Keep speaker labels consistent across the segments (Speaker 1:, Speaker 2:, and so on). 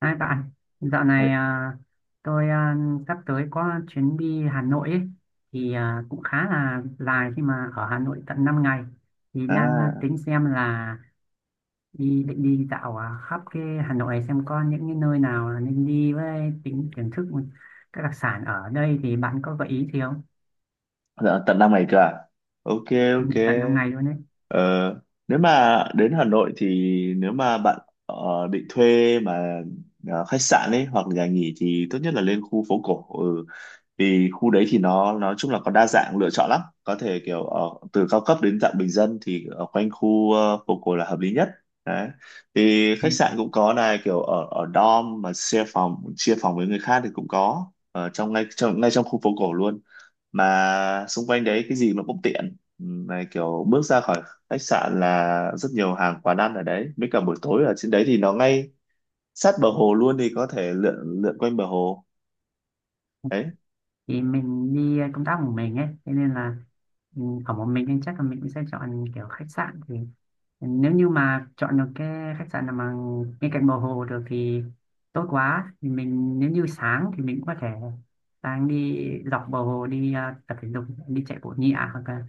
Speaker 1: Hai bạn, dạo
Speaker 2: Ê,
Speaker 1: này tôi sắp tới có chuyến đi Hà Nội ấy, thì cũng khá là dài khi mà ở Hà Nội tận 5 ngày thì đang
Speaker 2: à,
Speaker 1: tính xem là định đi dạo khắp cái Hà Nội này xem có những cái nơi nào là nên đi với tính thưởng thức các đặc sản ở đây thì bạn có gợi ý gì không?
Speaker 2: dạ, tận 5 ngày cơ à? Ok,
Speaker 1: Ừ,
Speaker 2: ok.
Speaker 1: tận 5 ngày luôn đấy.
Speaker 2: Ờ, nếu mà đến Hà Nội thì nếu mà bạn ờ, định thuê khách sạn ấy hoặc nhà nghỉ thì tốt nhất là lên khu phố cổ. Ừ. Vì khu đấy thì nó nói chung là có đa dạng lựa chọn lắm. Có thể kiểu từ cao cấp đến dạng bình dân thì ở quanh khu phố cổ là hợp lý nhất. Đấy. Thì
Speaker 1: Ừ.
Speaker 2: khách sạn cũng có này, kiểu ở ở dorm mà share phòng, chia phòng với người khác thì cũng có ở trong ngay trong khu phố cổ luôn, mà xung quanh đấy cái gì nó cũng tiện. Này kiểu bước ra khỏi khách sạn là rất nhiều hàng quán ăn ở đấy, với cả buổi tối ở trên đấy thì nó ngay sát bờ hồ luôn, thì có thể lượn lượn quanh bờ hồ đấy.
Speaker 1: Thì mình đi công tác một mình ấy, thế nên là ừ, ở một mình nên chắc là mình cũng sẽ chọn kiểu khách sạn thì nếu như mà chọn được cái khách sạn nào mà bên cạnh bờ hồ được thì tốt quá thì mình nếu như sáng thì mình cũng có thể sáng đi dọc bờ hồ đi tập thể dục đi chạy bộ nhẹ hoặc là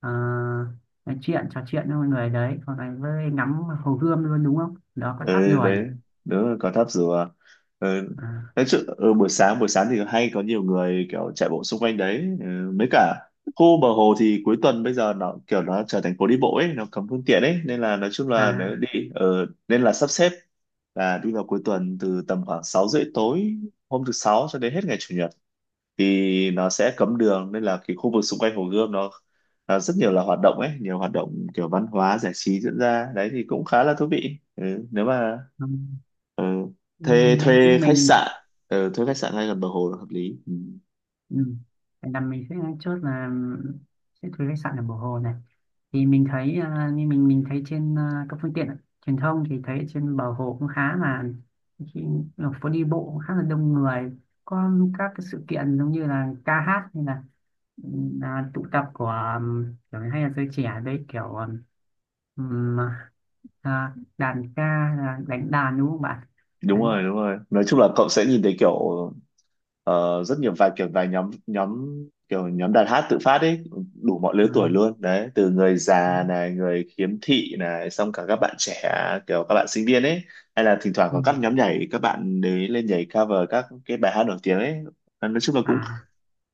Speaker 1: ờ, nói chuyện trò chuyện với mọi người đấy hoặc là với ngắm hồ Gươm luôn đúng không, đó có tháp
Speaker 2: Ừ,
Speaker 1: Rùa nhỉ?
Speaker 2: đấy, đúng là có tháp rùa. Ừ.
Speaker 1: à,
Speaker 2: Nói chứ ừ, buổi sáng, buổi sáng thì hay có nhiều người kiểu chạy bộ xung quanh đấy. Ừ. Mấy cả khu bờ hồ thì cuối tuần bây giờ nó kiểu nó trở thành phố đi bộ ấy, nó cấm phương tiện ấy, nên là nói chung là nếu
Speaker 1: à
Speaker 2: đi ừ, nên là sắp xếp là đi vào cuối tuần, từ tầm khoảng 6:30 tối hôm thứ sáu cho đến hết ngày chủ nhật, thì nó sẽ cấm đường, nên là cái khu vực xung quanh Hồ Gươm nó à, rất nhiều là hoạt động ấy, nhiều hoạt động kiểu văn hóa giải trí diễn ra đấy, thì cũng khá là thú vị. Ừ, nếu mà
Speaker 1: ừ.
Speaker 2: ừ, thuê thuê
Speaker 1: nhưng
Speaker 2: khách
Speaker 1: mình
Speaker 2: sạn, ừ, thuê khách sạn ngay gần bờ hồ là hợp lý. Ừ.
Speaker 1: Ừ. Vậy là mình sẽ chốt là sẽ thuê khách sạn ở Bồ Hồ này, thì mình thấy như mình thấy trên các phương tiện truyền thông thì thấy trên Bờ Hồ cũng khá là khi ở phố đi bộ cũng khá là đông người, có các cái sự kiện giống như là ca hát hay là, ừ, là tụ tập của kiểu hay là giới trẻ đấy kiểu ừm, đàn ca là đánh đàn, đúng không bạn?
Speaker 2: Đúng
Speaker 1: Đấy,
Speaker 2: rồi, đúng rồi, nói chung là cậu sẽ nhìn thấy kiểu ờ, rất nhiều, vài kiểu vài nhóm nhóm kiểu nhóm đàn hát tự phát ấy, đủ mọi lứa
Speaker 1: ừ,
Speaker 2: tuổi luôn đấy, từ người
Speaker 1: đấy.
Speaker 2: già này, người khiếm thị này, xong cả các bạn trẻ kiểu các bạn sinh viên ấy, hay là thỉnh thoảng
Speaker 1: Ừ.
Speaker 2: có các nhóm nhảy, các bạn đấy lên nhảy cover các cái bài hát nổi tiếng ấy, nói chung là cũng
Speaker 1: à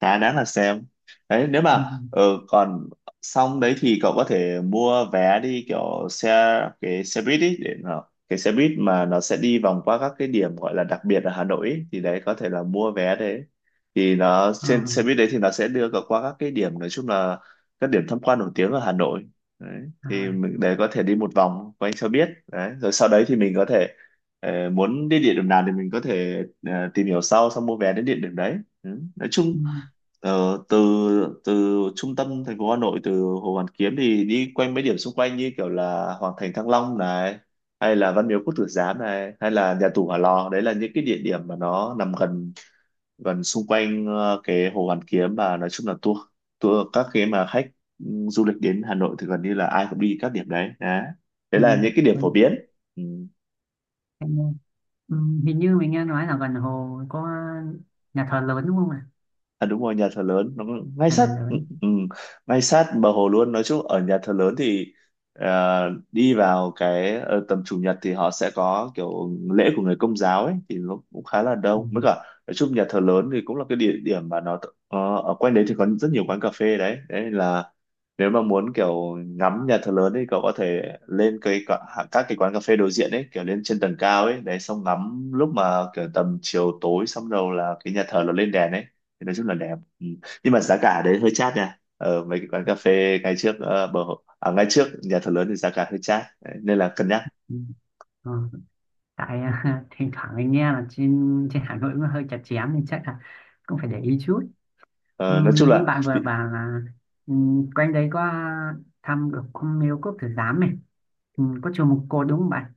Speaker 2: khá đáng là xem đấy. Nếu
Speaker 1: ừ.
Speaker 2: mà ừ, còn xong đấy thì cậu có thể mua vé đi kiểu xe, cái xe buýt ý, để nó, cái xe buýt mà nó sẽ đi vòng qua các cái điểm gọi là đặc biệt ở Hà Nội ý, thì đấy có thể là mua vé đấy, thì nó
Speaker 1: Ờ.
Speaker 2: trên xe buýt đấy thì nó sẽ đưa cậu qua các cái điểm nói chung là các điểm tham quan nổi tiếng ở Hà Nội đấy, thì
Speaker 1: à
Speaker 2: mình đấy có thể đi một vòng quanh cho biết đấy, rồi sau đấy thì mình có thể muốn đi địa điểm nào thì mình có thể tìm hiểu sau xong mua vé đến địa điểm đấy. Ừ. Nói
Speaker 1: ừ.
Speaker 2: chung, ờ, từ từ trung tâm thành phố Hà Nội, từ Hồ Hoàn Kiếm thì đi quanh mấy điểm xung quanh như kiểu là Hoàng Thành Thăng Long này, hay là Văn Miếu Quốc Tử Giám này, hay là nhà tù Hỏa Lò, đấy là những cái địa điểm mà nó nằm gần, gần xung quanh cái Hồ Hoàn Kiếm, và nói chung là tour tour các cái mà khách ừ, du lịch đến Hà Nội thì gần như là ai cũng đi các điểm đấy. Đấy, đấy
Speaker 1: Ừ,
Speaker 2: là những cái điểm phổ
Speaker 1: mình,
Speaker 2: biến. Ừ.
Speaker 1: em nghe. Ừ, hình như mình nghe nói là gần hồ có nhà thờ lớn đúng không ạ?
Speaker 2: À đúng rồi, nhà thờ lớn nó ngay
Speaker 1: Nhà
Speaker 2: sát
Speaker 1: thờ
Speaker 2: ừ,
Speaker 1: lớn.
Speaker 2: ừ, ngay sát bờ hồ luôn. Nói chung ở nhà thờ lớn thì đi vào cái tầm chủ nhật thì họ sẽ có kiểu lễ của người công giáo ấy, thì nó cũng khá là
Speaker 1: Ừ,
Speaker 2: đông, mới cả nói chung nhà thờ lớn thì cũng là cái địa điểm mà nó ở quanh đấy thì có rất nhiều quán cà phê đấy. Đấy là nếu mà muốn kiểu ngắm nhà thờ lớn thì cậu có thể lên cái các cái quán cà phê đối diện ấy, kiểu lên trên tầng cao ấy, đấy xong ngắm lúc mà kiểu tầm chiều tối, xong đầu là cái nhà thờ nó lên đèn ấy thì nói chung là đẹp. Ừ. Nhưng mà giá cả đấy hơi chát nha, ở mấy cái quán cà phê ngay trước ngay trước nhà thờ lớn thì giá cả hơi chát đấy, nên là cân nhắc.
Speaker 1: ừ. Ờ, tại thỉnh thoảng mình nghe là trên trên Hà Nội nó hơi chặt chém nên chắc là cũng phải để ý chút. Ừ,
Speaker 2: Ờ, nói chung
Speaker 1: như
Speaker 2: là
Speaker 1: bạn vừa bảo là ừ, quanh đấy có thăm được cung miếu quốc tử giám này, ừ, có chùa Một Cột đúng không bạn?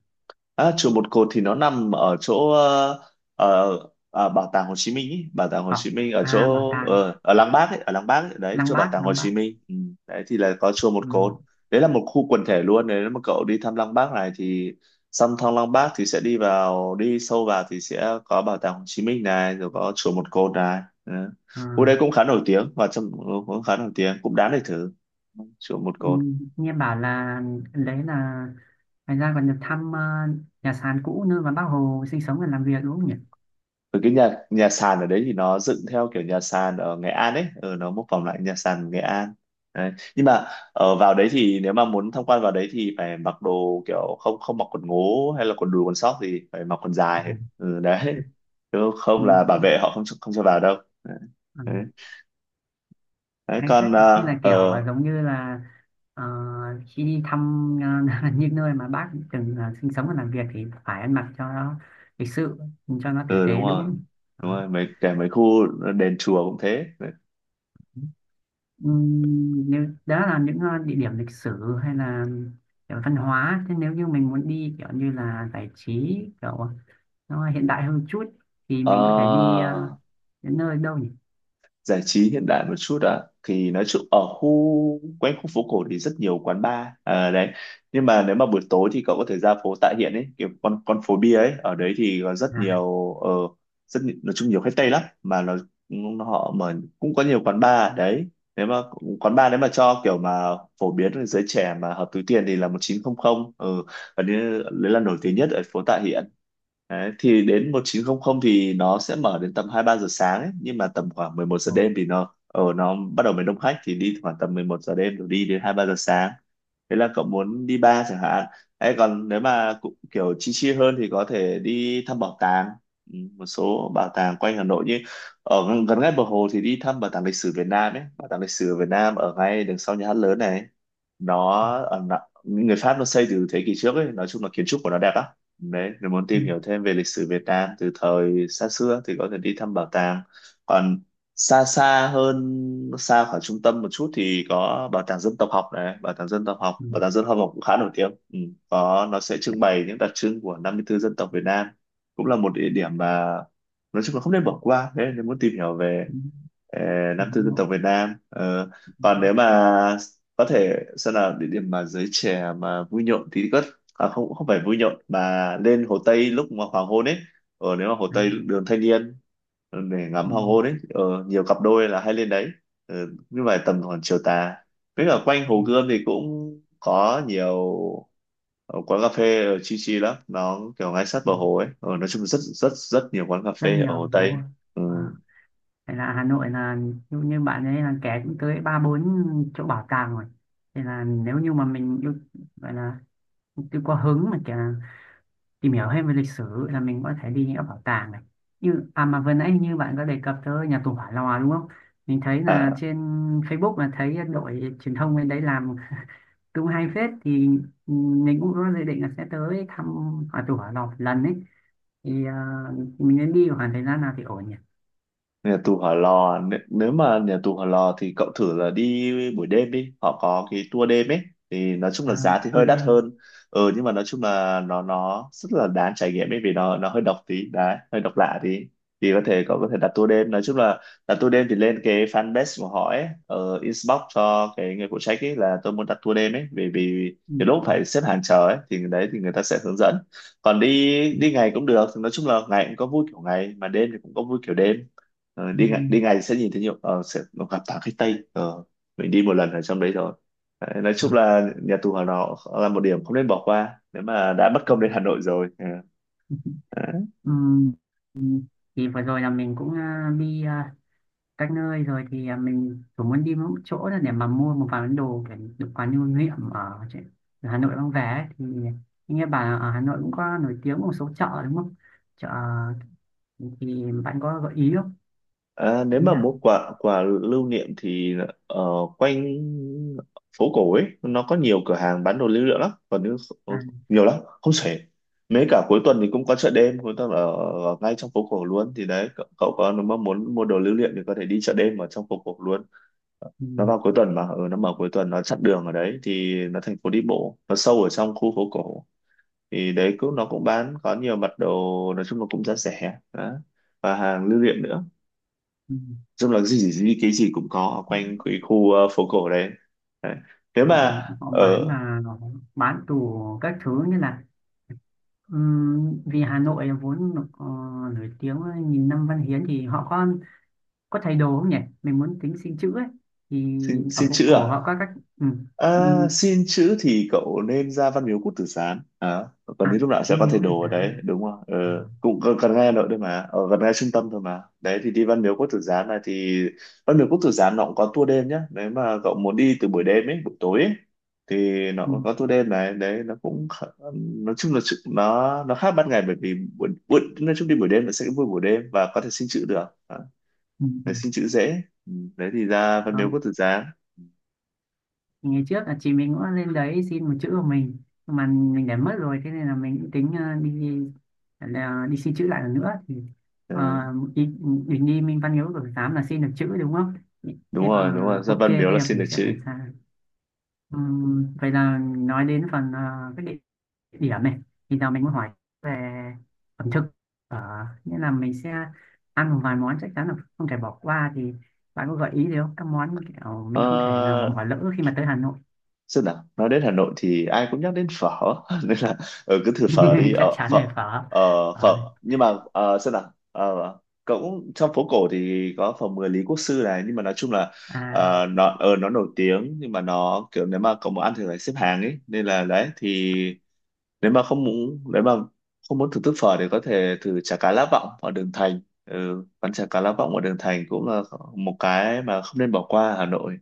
Speaker 2: À, chùa Một Cột thì nó nằm ở chỗ ờ, bảo tàng Hồ Chí Minh ý. Bảo tàng Hồ
Speaker 1: Ờ,
Speaker 2: Chí Minh ở
Speaker 1: bảo
Speaker 2: chỗ
Speaker 1: tàng
Speaker 2: ở Lăng Bác ấy, ở Lăng Bác ấy, đấy
Speaker 1: Lăng
Speaker 2: chỗ bảo
Speaker 1: Bác,
Speaker 2: tàng Hồ
Speaker 1: Lăng
Speaker 2: Chí
Speaker 1: Bác.
Speaker 2: Minh. Ừ. Đấy thì là có chùa Một
Speaker 1: Ừ,
Speaker 2: Cột, đấy là một khu quần thể luôn, nếu mà cậu đi thăm Lăng Bác này thì xong thăm Lăng Bác thì sẽ đi vào, đi sâu vào thì sẽ có bảo tàng Hồ Chí Minh này, rồi có chùa Một Cột này. Ừ.
Speaker 1: ờ.
Speaker 2: Khu đấy cũng khá nổi tiếng và trong, cũng khá nổi tiếng, cũng đáng để thử, chùa Một
Speaker 1: Ừ,
Speaker 2: Cột.
Speaker 1: nghe bảo là đấy là thành ra còn được thăm nhà sàn cũ nơi mà bác Hồ sinh sống và làm việc, đúng không nhỉ?
Speaker 2: Rồi cái nhà nhà sàn ở đấy thì nó dựng theo kiểu nhà sàn ở Nghệ An ấy, ừ, nó mô phỏng lại nhà sàn Nghệ An. Đấy. Nhưng mà ở vào đấy thì nếu mà muốn tham quan vào đấy thì phải mặc đồ kiểu không, không mặc quần ngố hay là quần đùi quần sóc, thì phải mặc quần dài. Ừ, đấy. Chứ
Speaker 1: Ừ,
Speaker 2: không là bảo vệ họ không cho vào đâu. Đấy.
Speaker 1: ừ,
Speaker 2: Đấy. Đấy,
Speaker 1: hay phết,
Speaker 2: còn
Speaker 1: thế là kiểu giống như là ờ, khi đi thăm những nơi mà bác từng sinh sống và làm việc thì phải ăn mặc cho nó lịch sự, cho nó tử
Speaker 2: ừ, đúng
Speaker 1: tế đúng
Speaker 2: rồi.
Speaker 1: không?
Speaker 2: Đúng
Speaker 1: Đó.
Speaker 2: rồi, mấy kể mấy khu đền chùa cũng thế.
Speaker 1: Ừ, nếu đó là những địa điểm lịch sử hay là kiểu văn hóa thế, nếu như mình muốn đi kiểu như là giải trí kiểu nó hiện đại hơn chút thì mình có thể đi
Speaker 2: Ờ,
Speaker 1: đến nơi đâu nhỉ?
Speaker 2: giải trí hiện đại một chút ạ, thì nói chung ở khu quanh khu phố cổ thì rất nhiều quán bar, à, đấy, nhưng mà nếu mà buổi tối thì cậu có thể ra phố Tạ Hiện ấy, kiểu con phố bia ấy, ở đấy thì có rất
Speaker 1: à
Speaker 2: nhiều nói chung nhiều khách Tây lắm, mà nó họ mở cũng có nhiều quán bar đấy, nếu mà quán bar nếu mà cho kiểu mà phổ biến với giới trẻ mà hợp túi tiền thì là 1900, ừ, và đấy, đấy là nổi tiếng nhất ở phố Tạ Hiện. Đấy, thì đến 1900 thì nó sẽ mở đến tầm 2-3 giờ sáng ấy, nhưng mà tầm khoảng mười một giờ
Speaker 1: Ồ.
Speaker 2: đêm thì nó ở nó bắt đầu mới đông khách, thì đi khoảng tầm 11 giờ đêm rồi đi đến 2-3 giờ sáng. Thế là cậu muốn đi bar chẳng hạn. Ấy còn nếu mà cũng kiểu chi chi hơn thì có thể đi thăm bảo tàng. Ừ, một số bảo tàng quanh Hà Nội, như ở gần gần ngay bờ hồ thì đi thăm bảo tàng lịch sử Việt Nam ấy, bảo tàng lịch sử Việt Nam ở ngay đằng sau nhà hát lớn này. Nó ở, người Pháp nó xây từ thế kỷ trước ấy, nói chung là kiến trúc của nó đẹp lắm. Đấy, nếu muốn
Speaker 1: Ừ.
Speaker 2: tìm hiểu thêm về lịch sử Việt Nam từ thời xa xưa thì có thể đi thăm bảo tàng. Còn xa xa hơn, xa khỏi trung tâm một chút thì có bảo tàng dân tộc học này, bảo tàng dân tộc học,
Speaker 1: Ừ.
Speaker 2: bảo tàng dân tộc học cũng khá nổi tiếng. Ừ. Có nó sẽ trưng bày những đặc trưng của 54 dân tộc Việt Nam. Cũng là một địa điểm mà nói chung là không nên bỏ qua. Đấy, nếu muốn tìm hiểu về
Speaker 1: Ừ.
Speaker 2: ờ,
Speaker 1: Hà
Speaker 2: 54 dân
Speaker 1: Nội.
Speaker 2: tộc Việt Nam. Ờ, còn nếu mà có thể xem là địa điểm mà giới trẻ mà vui nhộn thì có, à, không, không phải Vui Nhộn mà lên Hồ Tây lúc mà hoàng hôn ấy, ờ, nếu mà Hồ
Speaker 1: à,
Speaker 2: Tây đường Thanh Niên để
Speaker 1: ừ.
Speaker 2: ngắm hoàng hôn ấy, ờ, nhiều cặp đôi là hay lên đấy. Ờ, nhưng mà tầm khoảng chiều tà với cả quanh
Speaker 1: Ừ.
Speaker 2: Hồ Gươm thì cũng có nhiều ờ, quán cà phê chill chill lắm, nó kiểu ngay sát bờ
Speaker 1: Ừ.
Speaker 2: hồ ấy. Ờ, nói chung rất rất rất nhiều quán cà
Speaker 1: Rất
Speaker 2: phê
Speaker 1: nhiều,
Speaker 2: ở Hồ
Speaker 1: đúng
Speaker 2: Tây.
Speaker 1: rồi.
Speaker 2: Ừ.
Speaker 1: à, Phải, là Hà Nội là như bạn ấy là kẻ cũng tới ba bốn chỗ bảo tàng rồi, thì là nếu như mà mình yêu gọi là tôi có hứng mà kìa, tìm hiểu thêm về lịch sử là mình có thể đi những các bảo tàng này, như à mà vừa nãy như bạn có đề cập tới nhà tù Hỏa Lò đúng không. Mình thấy là
Speaker 2: À,
Speaker 1: trên Facebook là thấy đội truyền thông bên đấy làm cũng hay phết, thì ừ, mình cũng có dự định là sẽ tới thăm nhà tù Hỏa Lò một lần ấy, thì mình nên đi khoảng thời gian nào thì ổn nhỉ?
Speaker 2: nhà tù Hỏa Lò nếu mà nhà tù Hỏa Lò thì cậu thử là đi buổi đêm đi, họ có cái tour đêm ấy. Thì nói chung
Speaker 1: à,
Speaker 2: là giá thì
Speaker 1: tôi
Speaker 2: hơi đắt
Speaker 1: đêm.
Speaker 2: hơn, ừ, nhưng mà nói chung là nó rất là đáng trải nghiệm ấy, vì nó hơi độc tí đấy, hơi độc lạ tí. Thì có thể cậu có thể đặt tour đêm, nói chung là đặt tour đêm thì lên cái fanpage của họ ấy, ở inbox cho cái người phụ trách ấy là tôi muốn đặt tour đêm ấy. Vì vì
Speaker 1: Ừ,
Speaker 2: cái lúc phải xếp hàng chờ ấy thì đấy thì người ta sẽ hướng dẫn. Còn đi
Speaker 1: ừ,
Speaker 2: đi ngày cũng được, nói chung là ngày cũng có vui kiểu ngày, mà đêm thì cũng có vui kiểu đêm. Ờ,
Speaker 1: ừ,
Speaker 2: đi ngày sẽ nhìn thấy nhiều, sẽ gặp toàn khách Tây. Ờ, mình đi một lần ở trong đấy rồi. Đấy, nói chung
Speaker 1: à.
Speaker 2: là nhà tù Hỏa Lò là một điểm không nên bỏ qua nếu mà đã bất công đến Hà Nội rồi. Ờ, đấy.
Speaker 1: Ừ. Ừ. Thì vừa rồi là mình cũng đi các nơi rồi thì mình cũng muốn đi một chỗ là để mà mua một vài món đồ để được quán lưu niệm ở, trên- ở Hà Nội mang về ấy. Thì nghe bà ở Hà Nội cũng có nổi tiếng một số chợ đúng không, chợ thì bạn có gợi ý không,
Speaker 2: Ờ, Nếu
Speaker 1: ý
Speaker 2: mà mua
Speaker 1: nào?
Speaker 2: quà quà lưu niệm thì ờ, quanh phố cổ ấy nó có nhiều cửa hàng bán đồ lưu niệm lắm, còn nếu
Speaker 1: à,
Speaker 2: nhiều lắm không xuể. Mấy cả cuối tuần thì cũng có chợ đêm cuối tuần ở ngay trong phố cổ luôn. Thì đấy cậu có, nếu mà muốn mua đồ lưu niệm thì có thể đi chợ đêm ở trong phố cổ luôn.
Speaker 1: ừ,
Speaker 2: Nó vào cuối tuần mà, ừ, nó mở cuối tuần, nó chặn đường ở đấy thì nó thành phố đi bộ, nó sâu ở trong khu phố cổ. Thì đấy cũng nó cũng bán có nhiều mặt đồ, nói chung là cũng giá rẻ đó, và hàng lưu niệm nữa. Nói
Speaker 1: ừ.
Speaker 2: chung là gì, gì gì cái gì cũng có ở quanh cái khu phố cổ đấy, đấy. Nếu
Speaker 1: họ
Speaker 2: mà
Speaker 1: Họ bán
Speaker 2: ở
Speaker 1: là họ bán tủ các thứ như là vì Hà Nội vốn được, nổi tiếng với nghìn năm văn hiến thì họ có thầy đồ không nhỉ, mình muốn tính xin chữ ấy, thì ở
Speaker 2: xin
Speaker 1: phố
Speaker 2: chữ
Speaker 1: cổ
Speaker 2: à?
Speaker 1: họ có các ừ. Ừ.
Speaker 2: À, xin chữ thì cậu nên ra Văn Miếu Quốc Tử Giám, à, còn
Speaker 1: à
Speaker 2: đến lúc nào
Speaker 1: nó
Speaker 2: sẽ có thầy
Speaker 1: miếu thì
Speaker 2: đồ ở
Speaker 1: giá
Speaker 2: đấy
Speaker 1: mà
Speaker 2: đúng không? Ờ,
Speaker 1: à,
Speaker 2: Cũng gần ngay Hà Nội thôi mà, ở gần ngay trung tâm thôi mà. Đấy thì đi Văn Miếu Quốc Tử Giám này thì Văn Miếu Quốc Tử Giám nó cũng có tour đêm nhá, nếu mà cậu muốn đi từ buổi đêm ấy, buổi tối ấy, thì nó
Speaker 1: ừ.
Speaker 2: cũng có tour đêm này đấy, nó cũng nói chung là nó khác ban ngày, bởi vì buổi nói chung đi buổi đêm nó sẽ vui buổi đêm và có thể xin chữ được, à,
Speaker 1: Ừ. Ừ.
Speaker 2: để xin chữ dễ. Ừ, đấy thì ra Văn Miếu
Speaker 1: Đó.
Speaker 2: Quốc Tử Giám.
Speaker 1: Thì ngày trước là chị mình cũng lên đấy xin một chữ của mình, nhưng mà mình để mất rồi thế nên là mình cũng tính đi là đi xin chữ lại lần nữa thì
Speaker 2: Ờ.
Speaker 1: ờ, mình đi Minh Văn Miếu của tám là xin được chữ đúng không,
Speaker 2: Đúng
Speaker 1: thế,
Speaker 2: rồi, đúng rồi, gia
Speaker 1: ok
Speaker 2: văn
Speaker 1: thế
Speaker 2: miếu là
Speaker 1: là
Speaker 2: xin được
Speaker 1: mình sẽ
Speaker 2: chữ.
Speaker 1: phải sang. Vậy là nói đến phần quyết định điểm này thì giờ mình muốn hỏi về ẩm thực, ở nghĩa là mình sẽ ăn một vài món chắc chắn là không thể bỏ qua, thì bạn có gợi ý gì không, các món kiểu mình không thể nào mà
Speaker 2: ờ,
Speaker 1: bỏ lỡ khi mà tới Hà Nội?
Speaker 2: xem nào, nói đến Hà Nội thì ai cũng nhắc đến phở nên là, ừ, cứ thử phở đi,
Speaker 1: Chắc
Speaker 2: ở
Speaker 1: chắn
Speaker 2: phở,
Speaker 1: là phở.
Speaker 2: ờ, phở,
Speaker 1: Phở.
Speaker 2: nhưng mà xem nào, ờ, cũng trong phố cổ thì có phở mười Lý Quốc Sư này, nhưng mà nói chung là,
Speaker 1: à
Speaker 2: nó nó nổi tiếng nhưng mà nó kiểu nếu mà cậu muốn ăn thì phải xếp hàng ấy, nên là đấy thì nếu mà không muốn, nếu mà không muốn thưởng thức phở thì có thể thử chả cá lá vọng ở đường Thành. Ừ, quán chả cá lá vọng ở đường Thành cũng là một cái mà không nên bỏ qua ở Hà Nội.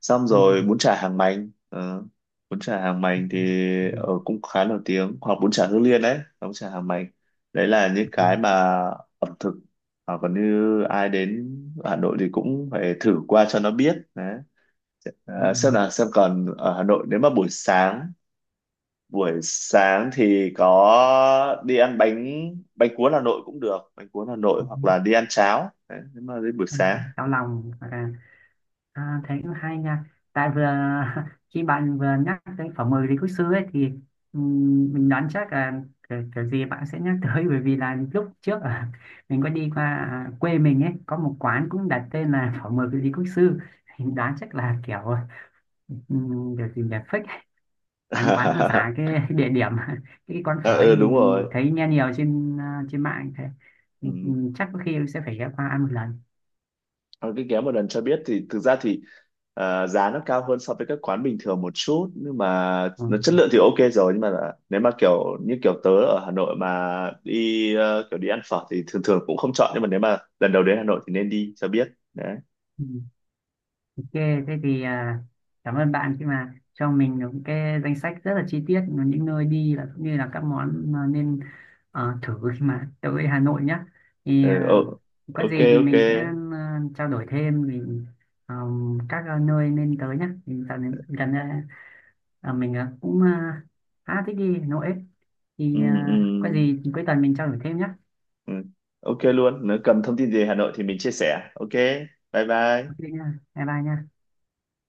Speaker 2: Xong
Speaker 1: ừ,
Speaker 2: rồi bún chả Hàng Mành, bún chả Hàng Mành thì
Speaker 1: ừ,
Speaker 2: cũng khá nổi tiếng, hoặc bún chả Hương Liên. Đấy, bún chả Hàng Mành, đấy là những
Speaker 1: ừ,
Speaker 2: cái mà ẩm thực hoặc còn như ai đến Hà Nội thì cũng phải thử qua cho nó biết đấy. Ờ, xem nào, xem còn ở Hà Nội nếu mà buổi sáng, thì có đi ăn bánh bánh cuốn Hà Nội cũng được, bánh cuốn Hà Nội,
Speaker 1: ừ, ừ,
Speaker 2: hoặc là đi ăn cháo đấy, nếu mà đến buổi
Speaker 1: ăn
Speaker 2: sáng.
Speaker 1: cháo lòng hoặc là. À, thế cũng hay nha. Tại vừa khi bạn vừa nhắc tới Phở 10 Lý Quốc Sư ấy thì mình đoán chắc là kiểu gì bạn sẽ nhắc tới, bởi vì là lúc trước ở mình có đi qua quê mình ấy có một quán cũng đặt tên là Phở 10 Lý Quốc Sư. Mình đoán chắc là kiểu kiểu gì nhỉ, fake, quán quán nó giả cái địa điểm, cái quán phở
Speaker 2: Ờ,
Speaker 1: ấy
Speaker 2: ừ, đúng
Speaker 1: mình
Speaker 2: rồi,
Speaker 1: thấy nghe nhiều trên trên mạng thế.
Speaker 2: ừ.
Speaker 1: Chắc có khi sẽ phải ghé qua ăn một lần.
Speaker 2: Còn cái ghé một lần cho biết thì thực ra thì giá nó cao hơn so với các quán bình thường một chút, nhưng mà nó chất lượng thì ok rồi. Nhưng mà là, nếu mà kiểu như kiểu tớ ở Hà Nội mà đi, kiểu đi ăn phở thì thường thường cũng không chọn, nhưng mà nếu mà lần đầu đến Hà Nội thì nên đi cho biết. Đấy.
Speaker 1: Ừ. Ok, thế thì cảm ơn bạn khi mà cho mình những cái danh sách rất là chi tiết những nơi đi và cũng như là các món mà nên thử khi mà tới Hà Nội nhé. Thì
Speaker 2: Ờ, ừ,
Speaker 1: có
Speaker 2: ok
Speaker 1: gì thì
Speaker 2: ok.
Speaker 1: mình sẽ trao đổi thêm vì các nơi nên tới nhé. Thì dạo này gần đây mình cũng khá thích đi Hà Nội ấy.
Speaker 2: Ừ,
Speaker 1: Thì
Speaker 2: ừ.
Speaker 1: có gì thì cuối tuần mình trao đổi thêm nhé.
Speaker 2: Ừ. Ok luôn, nếu cần thông tin gì về Hà Nội thì mình chia sẻ. Ok, bye
Speaker 1: Ok
Speaker 2: bye.
Speaker 1: nha, bye bye nha.